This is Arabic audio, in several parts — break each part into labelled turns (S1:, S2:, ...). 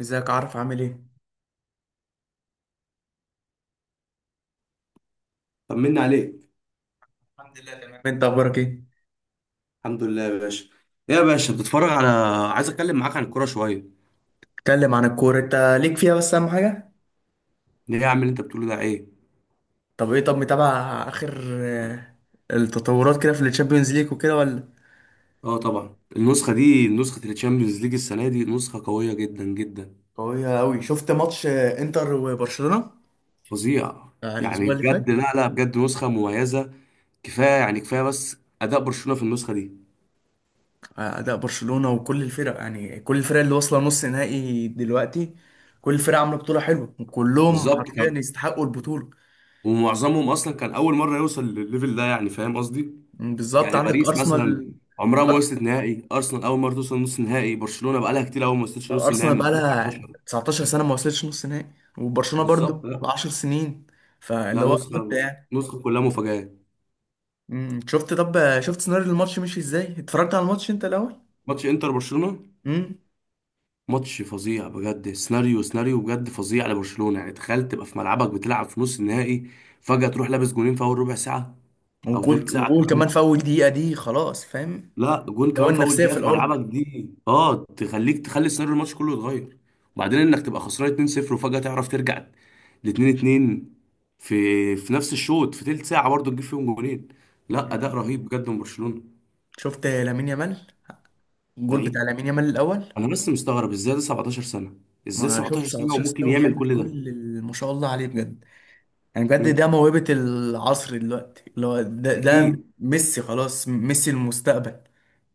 S1: ازيك عارف عامل ايه؟
S2: طمنا عليك.
S1: الحمد لله تمام، انت اخبارك ايه؟
S2: الحمد لله يا باشا. ايه يا باشا، بتتفرج على، عايز اتكلم معاك عن الكوره شويه.
S1: اتكلم عن الكورة انت، ليك فيها بس اهم حاجة؟
S2: ليه يا عم اللي انت بتقوله ده ايه؟
S1: طب ايه، طب متابع اخر آه، التطورات كده في الشامبيونز ليج وكده ولا؟
S2: اه طبعا، النسخه دي نسخه التشامبيونز ليج، السنه دي نسخه قويه جدا جدا.
S1: قوية أوي، شفت ماتش انتر وبرشلونة.
S2: فظيعه. يعني
S1: الأسبوع اللي
S2: بجد،
S1: فات.
S2: لا لا بجد نسخه مميزه. كفايه يعني كفايه بس اداء برشلونه في النسخه دي.
S1: أداء برشلونة وكل الفرق، يعني كل الفرق اللي واصلة نص نهائي دلوقتي، كل الفرق عاملة بطولة حلوة وكلهم
S2: بالظبط
S1: حرفيا
S2: كان،
S1: يستحقوا البطولة.
S2: ومعظمهم اصلا كان اول مره يوصل للليفل ده، يعني فاهم قصدي؟
S1: بالظبط،
S2: يعني
S1: عندك
S2: باريس مثلا
S1: أرسنال.
S2: عمرها ما وصلت نهائي، ارسنال اول مره توصل نص نهائي، برشلونه بقى لها كتير قوي ما وصلتش نص نهائي
S1: ارسنال
S2: من
S1: بقى لها
S2: 2019.
S1: 19 سنه ما وصلتش نص نهائي، وبرشلونه
S2: بالظبط.
S1: برضو
S2: لا،
S1: 10 سنين. فاللي
S2: لا
S1: هو مت
S2: نسخة،
S1: يعني.
S2: نسخة كلها مفاجآت.
S1: شفت طب شفت سيناريو الماتش مشي ازاي؟ اتفرجت على الماتش انت الاول؟
S2: ماتش انتر برشلونة،
S1: امم.
S2: ماتش فظيع بجد. سيناريو، سيناريو بجد فظيع لبرشلونة. يعني تخيل تبقى في ملعبك بتلعب في نص النهائي، فجأة تروح لابس جونين في أول ربع ساعة أو
S1: وجول
S2: تلت ساعة
S1: وجول كمان
S2: كمان.
S1: في اول دقيقه دي، خلاص فاهم.
S2: لا جون
S1: لو
S2: كمان في أول
S1: النفسيه
S2: دقيقة
S1: في
S2: في
S1: الارض.
S2: ملعبك، دي اه تخليك، تخلي سيناريو الماتش كله يتغير. وبعدين إنك تبقى خسران 2-0 وفجأة تعرف ترجع ل 2-2، في نفس الشوط، في تلت ساعة برضه تجيب فيهم جونين. لا أداء
S1: مم.
S2: رهيب بجد من برشلونة.
S1: شفت لامين يامال، الجول بتاع
S2: لعيب.
S1: لامين يامال الاول.
S2: انا بس مستغرب ازاي ده 17 سنه، ازاي
S1: ما شفت،
S2: 17 سنه
S1: 19 سنه
S2: وممكن يعمل
S1: وبيعمل
S2: كل ده.
S1: كل ما شاء الله عليه بجد. يعني بجد ده
S2: امم
S1: موهبه العصر دلوقتي، اللي هو ده
S2: اكيد.
S1: ميسي، خلاص، ميسي المستقبل.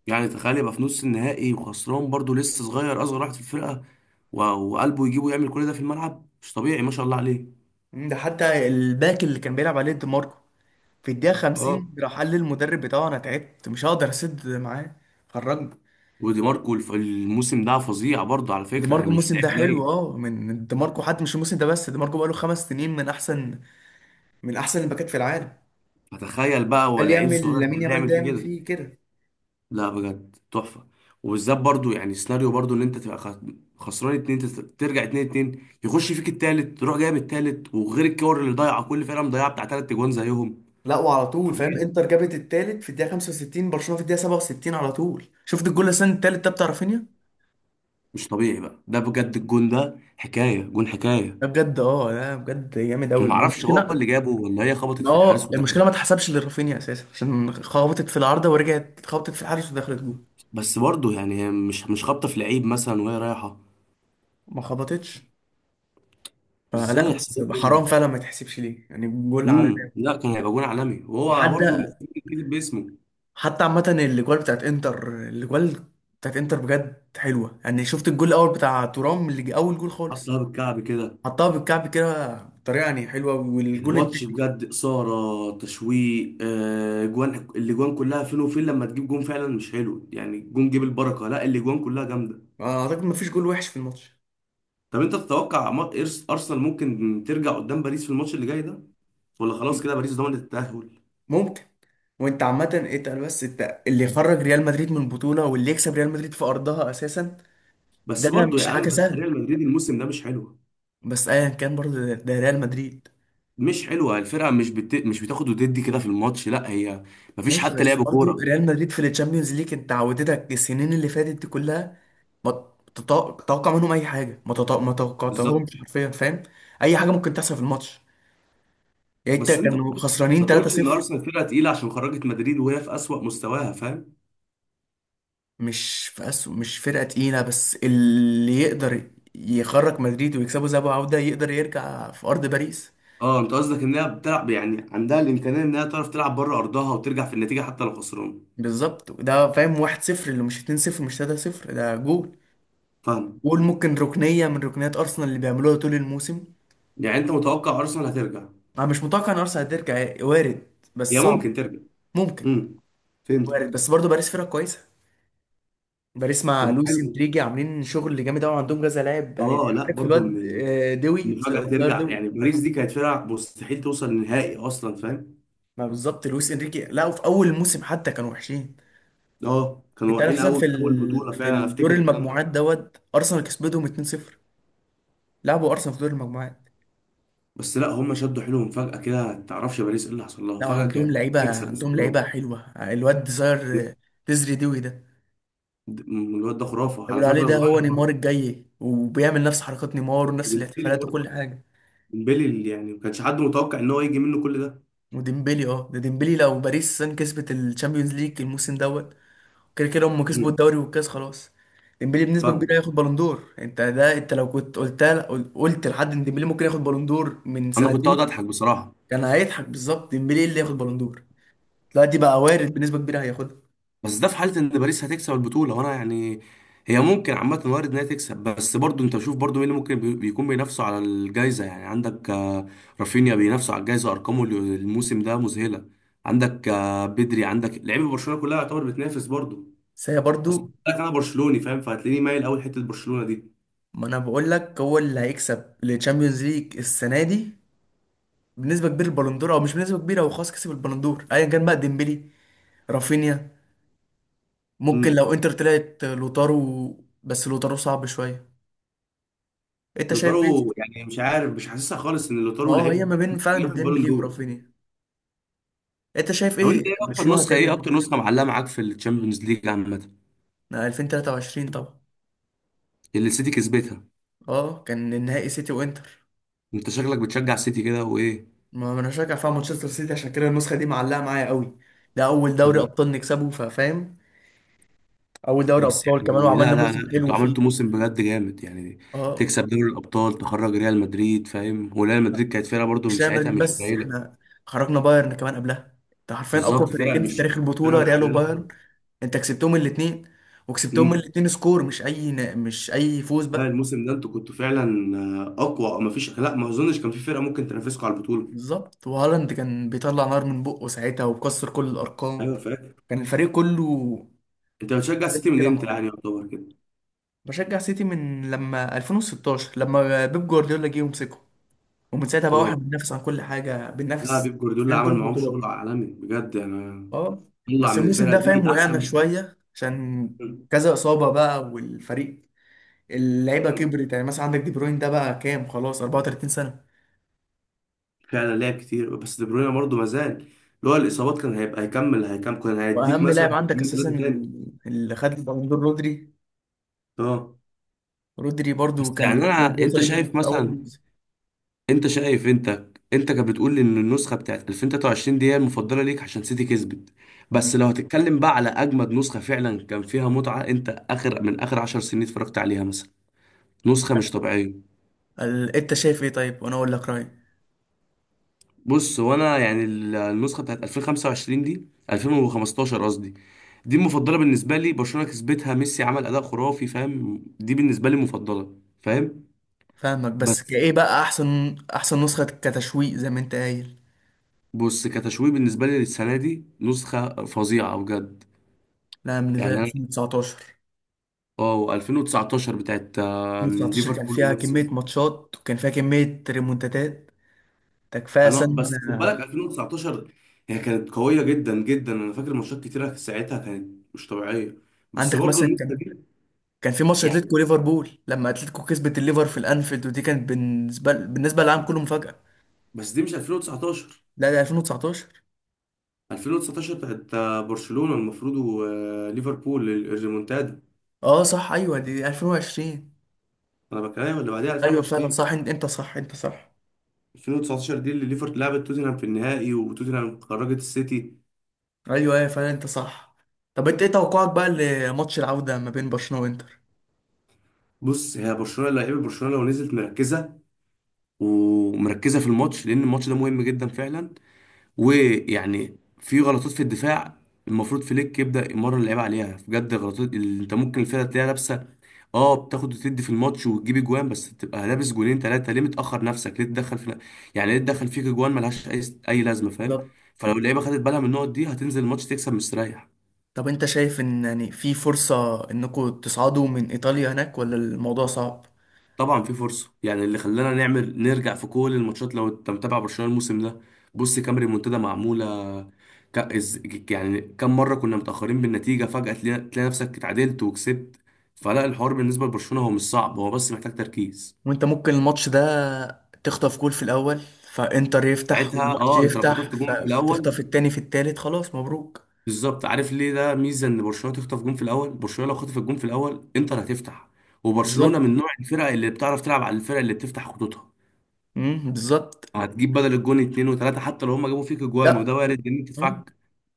S2: يعني تخيل يبقى في نص النهائي وخسران، برضو لسه صغير اصغر واحد في الفرقه، و- وقلبه يجيبه يعمل كل ده في الملعب، مش طبيعي ما شاء الله عليه.
S1: ده حتى الباك اللي كان بيلعب عليه، دي ماركو، في الدقيقة
S2: اه.
S1: 50 راح قال للمدرب بتاعه أنا تعبت، مش هقدر أسد معاه، خرجني.
S2: ودي ماركو الموسم ده فظيع برضو على
S1: دي
S2: فكره، يعني
S1: ماركو
S2: مش
S1: الموسم ده
S2: لعيب
S1: حلو.
S2: قليل.
S1: اه من دي ماركو حتى، مش الموسم ده بس، دي ماركو بقاله 5 سنين من أحسن، من أحسن الباكات في العالم.
S2: فتخيل بقى
S1: ده
S2: هو
S1: اللي
S2: لعيب
S1: يعمل
S2: صغير
S1: لامين
S2: زي ده
S1: يامال،
S2: يعمل
S1: ده
S2: فيه
S1: يعمل
S2: كده.
S1: فيه كده.
S2: لا بجد تحفة. وبالذات برضو يعني سيناريو، برضو ان انت تبقى خسران اتنين، ترجع اتنين اتنين، يخش فيك التالت تروح جايب التالت، وغير الكور اللي ضايعة، كل فرقة مضيعة بتاع تلات جوان زيهم.
S1: لا، وعلى طول فاهم،
S2: فظيع.
S1: انتر جابت التالت في الدقيقة 65، برشلونة في الدقيقة 67، على طول شفت الجول السنة التالت ده بتاع رافينيا.
S2: مش طبيعي بقى ده بجد، الجون ده حكاية، جون حكاية.
S1: ده بجد، ده بجد جامد أوي،
S2: ما اعرفش هو اللي
S1: المشكلة.
S2: جابه ولا هي خبطت
S1: ما
S2: في الحارس
S1: هو
S2: ودخلت.
S1: المشكله ما اتحسبش لرافينيا اساسا، عشان خبطت في العارضه ورجعت اتخبطت في الحارس ودخلت جول.
S2: بس برضو يعني هي مش خابطة في لعيب مثلا وهي رايحة.
S1: ما خبطتش. فلا،
S2: ازاي
S1: بس حرام
S2: يحسبها؟
S1: فعلا، ما تحسبش ليه يعني جول على.
S2: لا، كان هيبقى جون عالمي وهو برضو
S1: وحتى،
S2: المفروض يتكتب باسمه.
S1: عامه، الاجوال بتاعت انتر، الاجوال بتاعت انتر بجد حلوه يعني، شفت الجول الاول بتاع تورام اللي جه اول جول خالص.
S2: حطها بالكعب كده.
S1: حطها بالكعب كده بطريقه يعني حلوه،
S2: يعني
S1: والجول
S2: ماتش
S1: التاني.
S2: بجد إثارة، تشويق، جوان، الأجوان كلها فين وفين، لما تجيب جون فعلا مش حلو، يعني جون جيب البركة، لا الأجوان كلها جامدة.
S1: اعتقد ما فيش جول وحش في الماتش.
S2: طب أنت تتوقع أرسنال ممكن ترجع قدام باريس في الماتش اللي جاي ده، ولا خلاص كده باريس ضمنت التأهل؟
S1: ممكن. وانت عامه اتقل، بس انت اللي يخرج ريال مدريد من البطوله واللي يكسب ريال مدريد في ارضها اساسا.
S2: بس
S1: ده
S2: برضو يا
S1: مش
S2: عم،
S1: حاجه
S2: بس
S1: سهله.
S2: ريال مدريد الموسم ده مش حلو.
S1: بس ايا كان برضو، ده ريال مدريد.
S2: مش حلوه الفرقه، مش بتاخد وتدي كده في الماتش، لا هي مفيش
S1: ماشي،
S2: حتى
S1: بس
S2: لعب
S1: برضو
S2: كوره.
S1: ريال مدريد في الشامبيونز ليج انت عودتك السنين اللي فاتت دي كلها. ما تتوقع منهم اي حاجه، ما
S2: بالظبط.
S1: توقعتهمش حرفيا، فاهم. اي حاجه ممكن تحصل في الماتش، يعني انت
S2: بس أنت
S1: كانوا
S2: برضو
S1: خسرانين
S2: ما تقولش إن
S1: 3-0.
S2: أرسنال فرقة تقيلة عشان خرجت مدريد وهي في أسوأ مستواها، فاهم؟
S1: مش في أسو مش فرقه تقيله، بس اللي يقدر يخرج مدريد ويكسبوا ذهاب وعوده يقدر يرجع في ارض باريس.
S2: اه انت قصدك انها بتلعب يعني عندها الامكانيه انها تعرف تلعب بره ارضها وترجع في النتيجه حتى لو خسران.
S1: بالظبط، ده فاهم، 1-0 اللي مش 2-0 مش 3-0، ده جول،
S2: فاهم.
S1: قول ممكن ركنية من ركنيات أرسنال اللي بيعملوها طول الموسم.
S2: يعني انت متوقع ارسنال هترجع؟
S1: أنا مش متوقع إن أرسنال هترجع، يعني وارد،
S2: هي
S1: بس صعب.
S2: ممكن ترجع.
S1: ممكن.
S2: امم
S1: وارد
S2: فهمتك.
S1: بس برضه باريس فرقة كويسة، باريس
S2: طب
S1: مع
S2: ما
S1: لويس
S2: حلو.
S1: إنريجي عاملين شغل جامد أوي، عندهم كذا لاعب يعني.
S2: اه لا
S1: عارف
S2: برضو
S1: الواد
S2: ان،
S1: دوي
S2: ان فجاه
S1: تزار
S2: ترجع، يعني
S1: دوي.
S2: باريس دي كانت فرقه مستحيل توصل للنهائي اصلا، فاهم؟
S1: ما بالظبط لويس إنريجي، لا، في أول الموسم حتى كانوا وحشين.
S2: اه كانوا
S1: أنت عارف
S2: واقعين
S1: مثلا
S2: قوي في اول بطوله
S1: في
S2: فعلا، انا
S1: الدور
S2: افتكر الكلام ده.
S1: المجموعات دوت أرسنال كسبتهم 2-0، لعبوا أرسنال في دور المجموعات.
S2: بس لا هم شدوا حيلهم فجاه كده، ما تعرفش باريس ايه اللي حصل لها،
S1: لا،
S2: فجاه
S1: عندهم
S2: كانت
S1: لعيبة،
S2: بتكسب
S1: عندهم لعيبة
S2: بسكورات.
S1: حلوة، الواد تزار، تزري دوي ده،
S2: الواد ده خرافه على
S1: بيقولوا عليه
S2: فكره،
S1: ده هو
S2: صغير.
S1: نيمار الجاي، وبيعمل نفس حركات نيمار ونفس الاحتفالات وكل
S2: برضه
S1: حاجه.
S2: ديمبلي يعني ما كانش حد متوقع ان هو يجي منه كل ده.
S1: وديمبلي، ده ديمبلي، لو باريس سان كسبت الشامبيونز ليج الموسم دوت، كده كده هم
S2: مم.
S1: كسبوا الدوري والكاس خلاص. ديمبلي بنسبه كبيره
S2: فاهم.
S1: هياخد بالون دور، انت لو كنت قلتها قلت لحد ان ديمبلي ممكن ياخد بالون دور من
S2: انا كنت
S1: سنتين،
S2: اقعد اضحك بصراحه.
S1: كان هيضحك. بالظبط ديمبلي اللي ياخد بالون دور دلوقتي بقى وارد بنسبه كبيره هياخدها.
S2: بس ده في حاله ان باريس هتكسب البطوله، وانا يعني هي ممكن عامه وارد انها تكسب. بس برضو انت شوف برضو مين اللي ممكن بيكون بينافسوا على الجائزه. يعني عندك رافينيا بينافسوا على الجائزه، ارقامه الموسم ده مذهله. عندك بدري، عندك لعيبه برشلونه كلها يعتبر بتنافس برضو.
S1: بس هي
S2: بس
S1: برضو.
S2: لك انا برشلوني، فاهم، فهتلاقيني مايل قوي حته برشلونه دي.
S1: ما انا بقول لك هو اللي هيكسب الشامبيونز ليج السنه دي بنسبه كبيره البالندور، او مش بنسبه كبيره، هو خلاص كسب البالندور ايا كان بقى، ديمبلي، رافينيا، ممكن
S2: امم
S1: لو انتر طلعت لوتارو، بس لوتارو صعب شويه. انت شايف ايه؟
S2: لوتارو يعني مش عارف، مش حاسسها خالص ان
S1: ما
S2: لوتارو
S1: هو هي ما
S2: لعيب
S1: بين
S2: ممكن
S1: فعلا
S2: ياخد بالون
S1: ديمبلي
S2: دور.
S1: ورافينيا. انت شايف
S2: طب انت
S1: ايه
S2: ايه اكتر
S1: برشلونه
S2: نسخه، ايه
S1: هتعمل؟
S2: اكتر نسخه معلقه معاك في الشامبيونز ليج عامه؟
S1: ايه، 2023 طبعا.
S2: اللي السيتي كسبتها.
S1: اه، كان النهائي سيتي وانتر.
S2: انت شكلك بتشجع السيتي كده وايه؟
S1: ما انا شجع فيها مانشستر سيتي، عشان كده النسخه دي معلقه معايا قوي، ده اول دوري
S2: يعني
S1: ابطال نكسبه، ففاهم، اول دوري
S2: بس
S1: ابطال كمان
S2: يعني،
S1: وعملنا
S2: لا لا
S1: موسم
S2: لا
S1: حلو
S2: انتوا
S1: فيه.
S2: عملتوا موسم بجد جامد يعني.
S1: اه.
S2: تكسب دوري الابطال، تخرج ريال مدريد، فاهم، وريال مدريد كانت فرقه برضو من
S1: مش ريال
S2: ساعتها
S1: مدريد
S2: مش
S1: بس،
S2: قليله.
S1: احنا خرجنا بايرن كمان قبلها، انت حرفيا اقوى
S2: بالظبط فرقه
S1: فرقتين في
S2: مش،
S1: تاريخ
S2: فرقه
S1: البطوله،
S2: مش
S1: ريال
S2: قليله
S1: وبايرن.
S2: خالص.
S1: انت كسبتهم الاثنين، وكسبتهم
S2: امم
S1: الاثنين سكور، مش اي فوز
S2: لا
S1: بقى.
S2: الموسم ده انتوا كنتوا فعلا اقوى، او مفيش، لا ما اظنش كان في فرقه ممكن تنافسكم على البطوله.
S1: بالظبط، وهالاند كان بيطلع نار من بقه ساعتها وكسر كل الارقام،
S2: ايوه فاكر.
S1: كان الفريق كله
S2: انت بتشجع السيتي
S1: جامد
S2: من
S1: كده مع
S2: امتى يعني
S1: بعض.
S2: يعتبر كده؟
S1: بشجع سيتي من لما 2016 لما بيب جوارديولا جه ومسكه، ومن ساعتها بقى واحنا
S2: اه
S1: بننافس عن كل حاجه،
S2: لا
S1: بننافس
S2: بيب جوارديولا
S1: في كل
S2: عمل معاهم شغل
S1: البطولات.
S2: عالمي بجد يعني.
S1: اه.
S2: طلع
S1: بس
S2: من
S1: الموسم
S2: الفرقه
S1: ده
S2: دي
S1: فاهم وقعنا
S2: احسن.
S1: شوية عشان كذا إصابة بقى، والفريق اللعيبة كبرت، يعني مثلا عندك دي بروين ده بقى كام خلاص، 34 سنة.
S2: فعلا لعب كتير، بس دي بروين برضه ما زال اللي هو الاصابات، كان هيبقى هيكمل، كان هيديك
S1: وأهم
S2: مثلا
S1: لاعب عندك
S2: موسمين
S1: أساسا
S2: ثلاثه تاني.
S1: اللي خد البالون دور رودري،
S2: اه.
S1: رودري
S2: بس
S1: برضو
S2: يعني
S1: كان
S2: انا،
S1: ركوب
S2: انت
S1: صليبي
S2: شايف
S1: في أول
S2: مثلا،
S1: موسم.
S2: انت شايف، انت، انت كانت بتقول لي ان النسخه بتاعت 2023 دي هي المفضله ليك عشان سيتي كسبت، بس
S1: مم.
S2: لو هتتكلم بقى على اجمد نسخه فعلا كان فيها متعه انت اخر، من اخر 10 سنين اتفرجت عليها مثلا، نسخه مش طبيعيه.
S1: أنت شايف إيه؟ طيب وأنا أقول لك رأيي.
S2: بص هو انا يعني النسخه بتاعت 2025 دي، 2015 قصدي، دي المفضله بالنسبه لي. برشلونه كسبتها، ميسي عمل اداء خرافي، فاهم؟ دي بالنسبه لي مفضله، فاهم؟
S1: فاهمك، بس
S2: بس
S1: كإيه بقى، أحسن نسخة كتشويق زي ما أنت قايل؟
S2: بص، كتشويه بالنسبه لي للسنه دي نسخه فظيعه بجد.
S1: لا، بالنسبة
S2: يعني
S1: لي
S2: انا
S1: 2019.
S2: اه 2019 بتاعت
S1: 2019 كان
S2: ليفربول
S1: فيها
S2: وميسي.
S1: كمية ماتشات، وكان فيها كمية ريمونتادات، ده كفاية
S2: انا
S1: سنة.
S2: بس خد بالك 2019، هي كانت قويه جدا جدا، انا فاكر ماتشات كتيره ساعتها كانت مش طبيعيه. بس
S1: عندك
S2: برضو
S1: مثلا
S2: النسخه دي،
S1: كان في ماتش
S2: يعني،
S1: اتلتيكو ليفربول، لما اتلتيكو كسبت الليفر في الانفيلد، ودي كانت بالنسبه للعالم كله مفاجاه.
S2: بس دي مش 2019،
S1: لا، ده 2019.
S2: 2019 بتاعت برشلونة المفروض وليفربول الريمونتادا.
S1: اه صح، ايوه، دي 2020.
S2: انا بكلمك اللي بعديها،
S1: ايوه فعلا
S2: 2020.
S1: صح، انت صح، انت صح.
S2: 2019 دي اللي ليفربول لعبت توتنهام في النهائي وتوتنهام خرجت السيتي.
S1: ايوه ايوه، فعلا انت صح. طب انت ايه توقعك بقى لماتش العوده ما بين برشلونه وانتر؟
S2: بص هي برشلونة لعيبة، برشلونة لو نزلت مركزة، ومركزة في الماتش لأن الماتش ده مهم جدا فعلا، ويعني في غلطات في الدفاع المفروض فليك يبدأ يمرن اللعيبه عليها، بجد غلطات اللي انت ممكن الفرقه تلاقيها لابسه، اه بتاخد وتدي في الماتش وتجيب اجوان، بس تبقى لابس جولين ثلاثه ليه؟ متاخر نفسك ليه؟ تدخل في، يعني ليه تدخل فيك اجوان ملهاش اي، اي لازمه، فاهم؟
S1: بالظبط.
S2: فلو اللعيبه خدت بالها من النقط دي هتنزل الماتش تكسب مستريح.
S1: طب انت شايف ان يعني في فرصه انكم تصعدوا من ايطاليا هناك، ولا الموضوع صعب؟
S2: طبعا في فرصه، يعني اللي خلانا نعمل نرجع في كل الماتشات لو انت متابع برشلونه الموسم ده، بص كام ريمونتادا معموله. ك... إز... يعني كم مره كنا متاخرين بالنتيجه، فجاه تلاقي نفسك اتعادلت وكسبت. فلا الحوار بالنسبه لبرشلونه هو مش صعب، هو بس محتاج تركيز.
S1: وانت ممكن الماتش ده تخطف جول في الاول، فانتر يفتح
S2: ساعتها
S1: والماتش
S2: اه انت لو خطفت
S1: يفتح،
S2: جون في الاول،
S1: فتخطف التاني في التالت، خلاص مبروك.
S2: بالظبط. عارف ليه ده ميزه ان برشلونه تخطف جون في الاول؟ برشلونه لو خطفت جون في الاول انتر هتفتح، وبرشلونه
S1: بالظبط.
S2: من نوع الفرق اللي بتعرف تلعب على الفرق اللي بتفتح خطوطها.
S1: بالظبط.
S2: هتجيب بدل الجون اتنين وتلاته، حتى لو هما جابوا فيك اجوان وده
S1: لا.
S2: وارد لان انت
S1: مم.
S2: دفاعك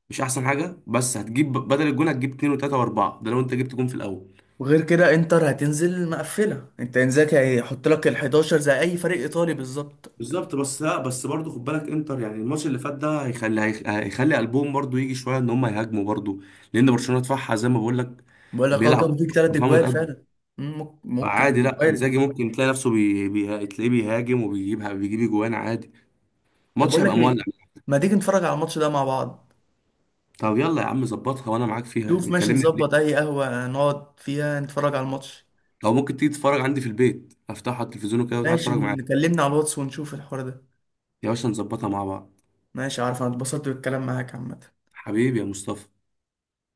S2: مش احسن حاجه، بس هتجيب بدل الجون هتجيب اتنين وتلاته واربعه، ده لو انت جبت جون في الاول.
S1: وغير كده انتر هتنزل مقفله، انت انزاك هيحط لك ال 11 زي اي فريق ايطالي، بالظبط.
S2: بالظبط. بس لا بس برضه خد بالك انتر، يعني الماتش اللي فات ده هيخلي، هيخلي قلبهم برضه يجي شويه ان هم يهاجموا برضه، لان برشلونه دفاعها زي ما بقول لك
S1: بقول لك
S2: بيلعب
S1: كان فيك ثلاث
S2: دفاع
S1: اجوال
S2: متقدم.
S1: فعلا. ممكن
S2: فعادي
S1: ممكن
S2: لا
S1: وارد.
S2: انزاجي ممكن تلاقي نفسه تلاقيه بيهاجم، وبيجيب اجوان عادي.
S1: طب
S2: الماتش
S1: بقول
S2: هيبقى
S1: لك
S2: مولع.
S1: ايه، ما تيجي نتفرج على الماتش ده مع بعض؟
S2: طب يلا يا عم ظبطها وانا معاك فيها،
S1: شوف
S2: يعني
S1: ماشي،
S2: كلمني قبل.
S1: نظبط اي قهوه نقعد فيها نتفرج على الماتش.
S2: لو ممكن تيجي تتفرج عندي في البيت، افتحها على التلفزيون وكده وتقعد
S1: ماشي،
S2: اتفرج معاك.
S1: نكلمنا على الواتس ونشوف الحوار ده.
S2: يا باشا نظبطها مع بعض.
S1: ماشي، عارف انا اتبسطت بالكلام معاك عامة.
S2: حبيبي يا مصطفى.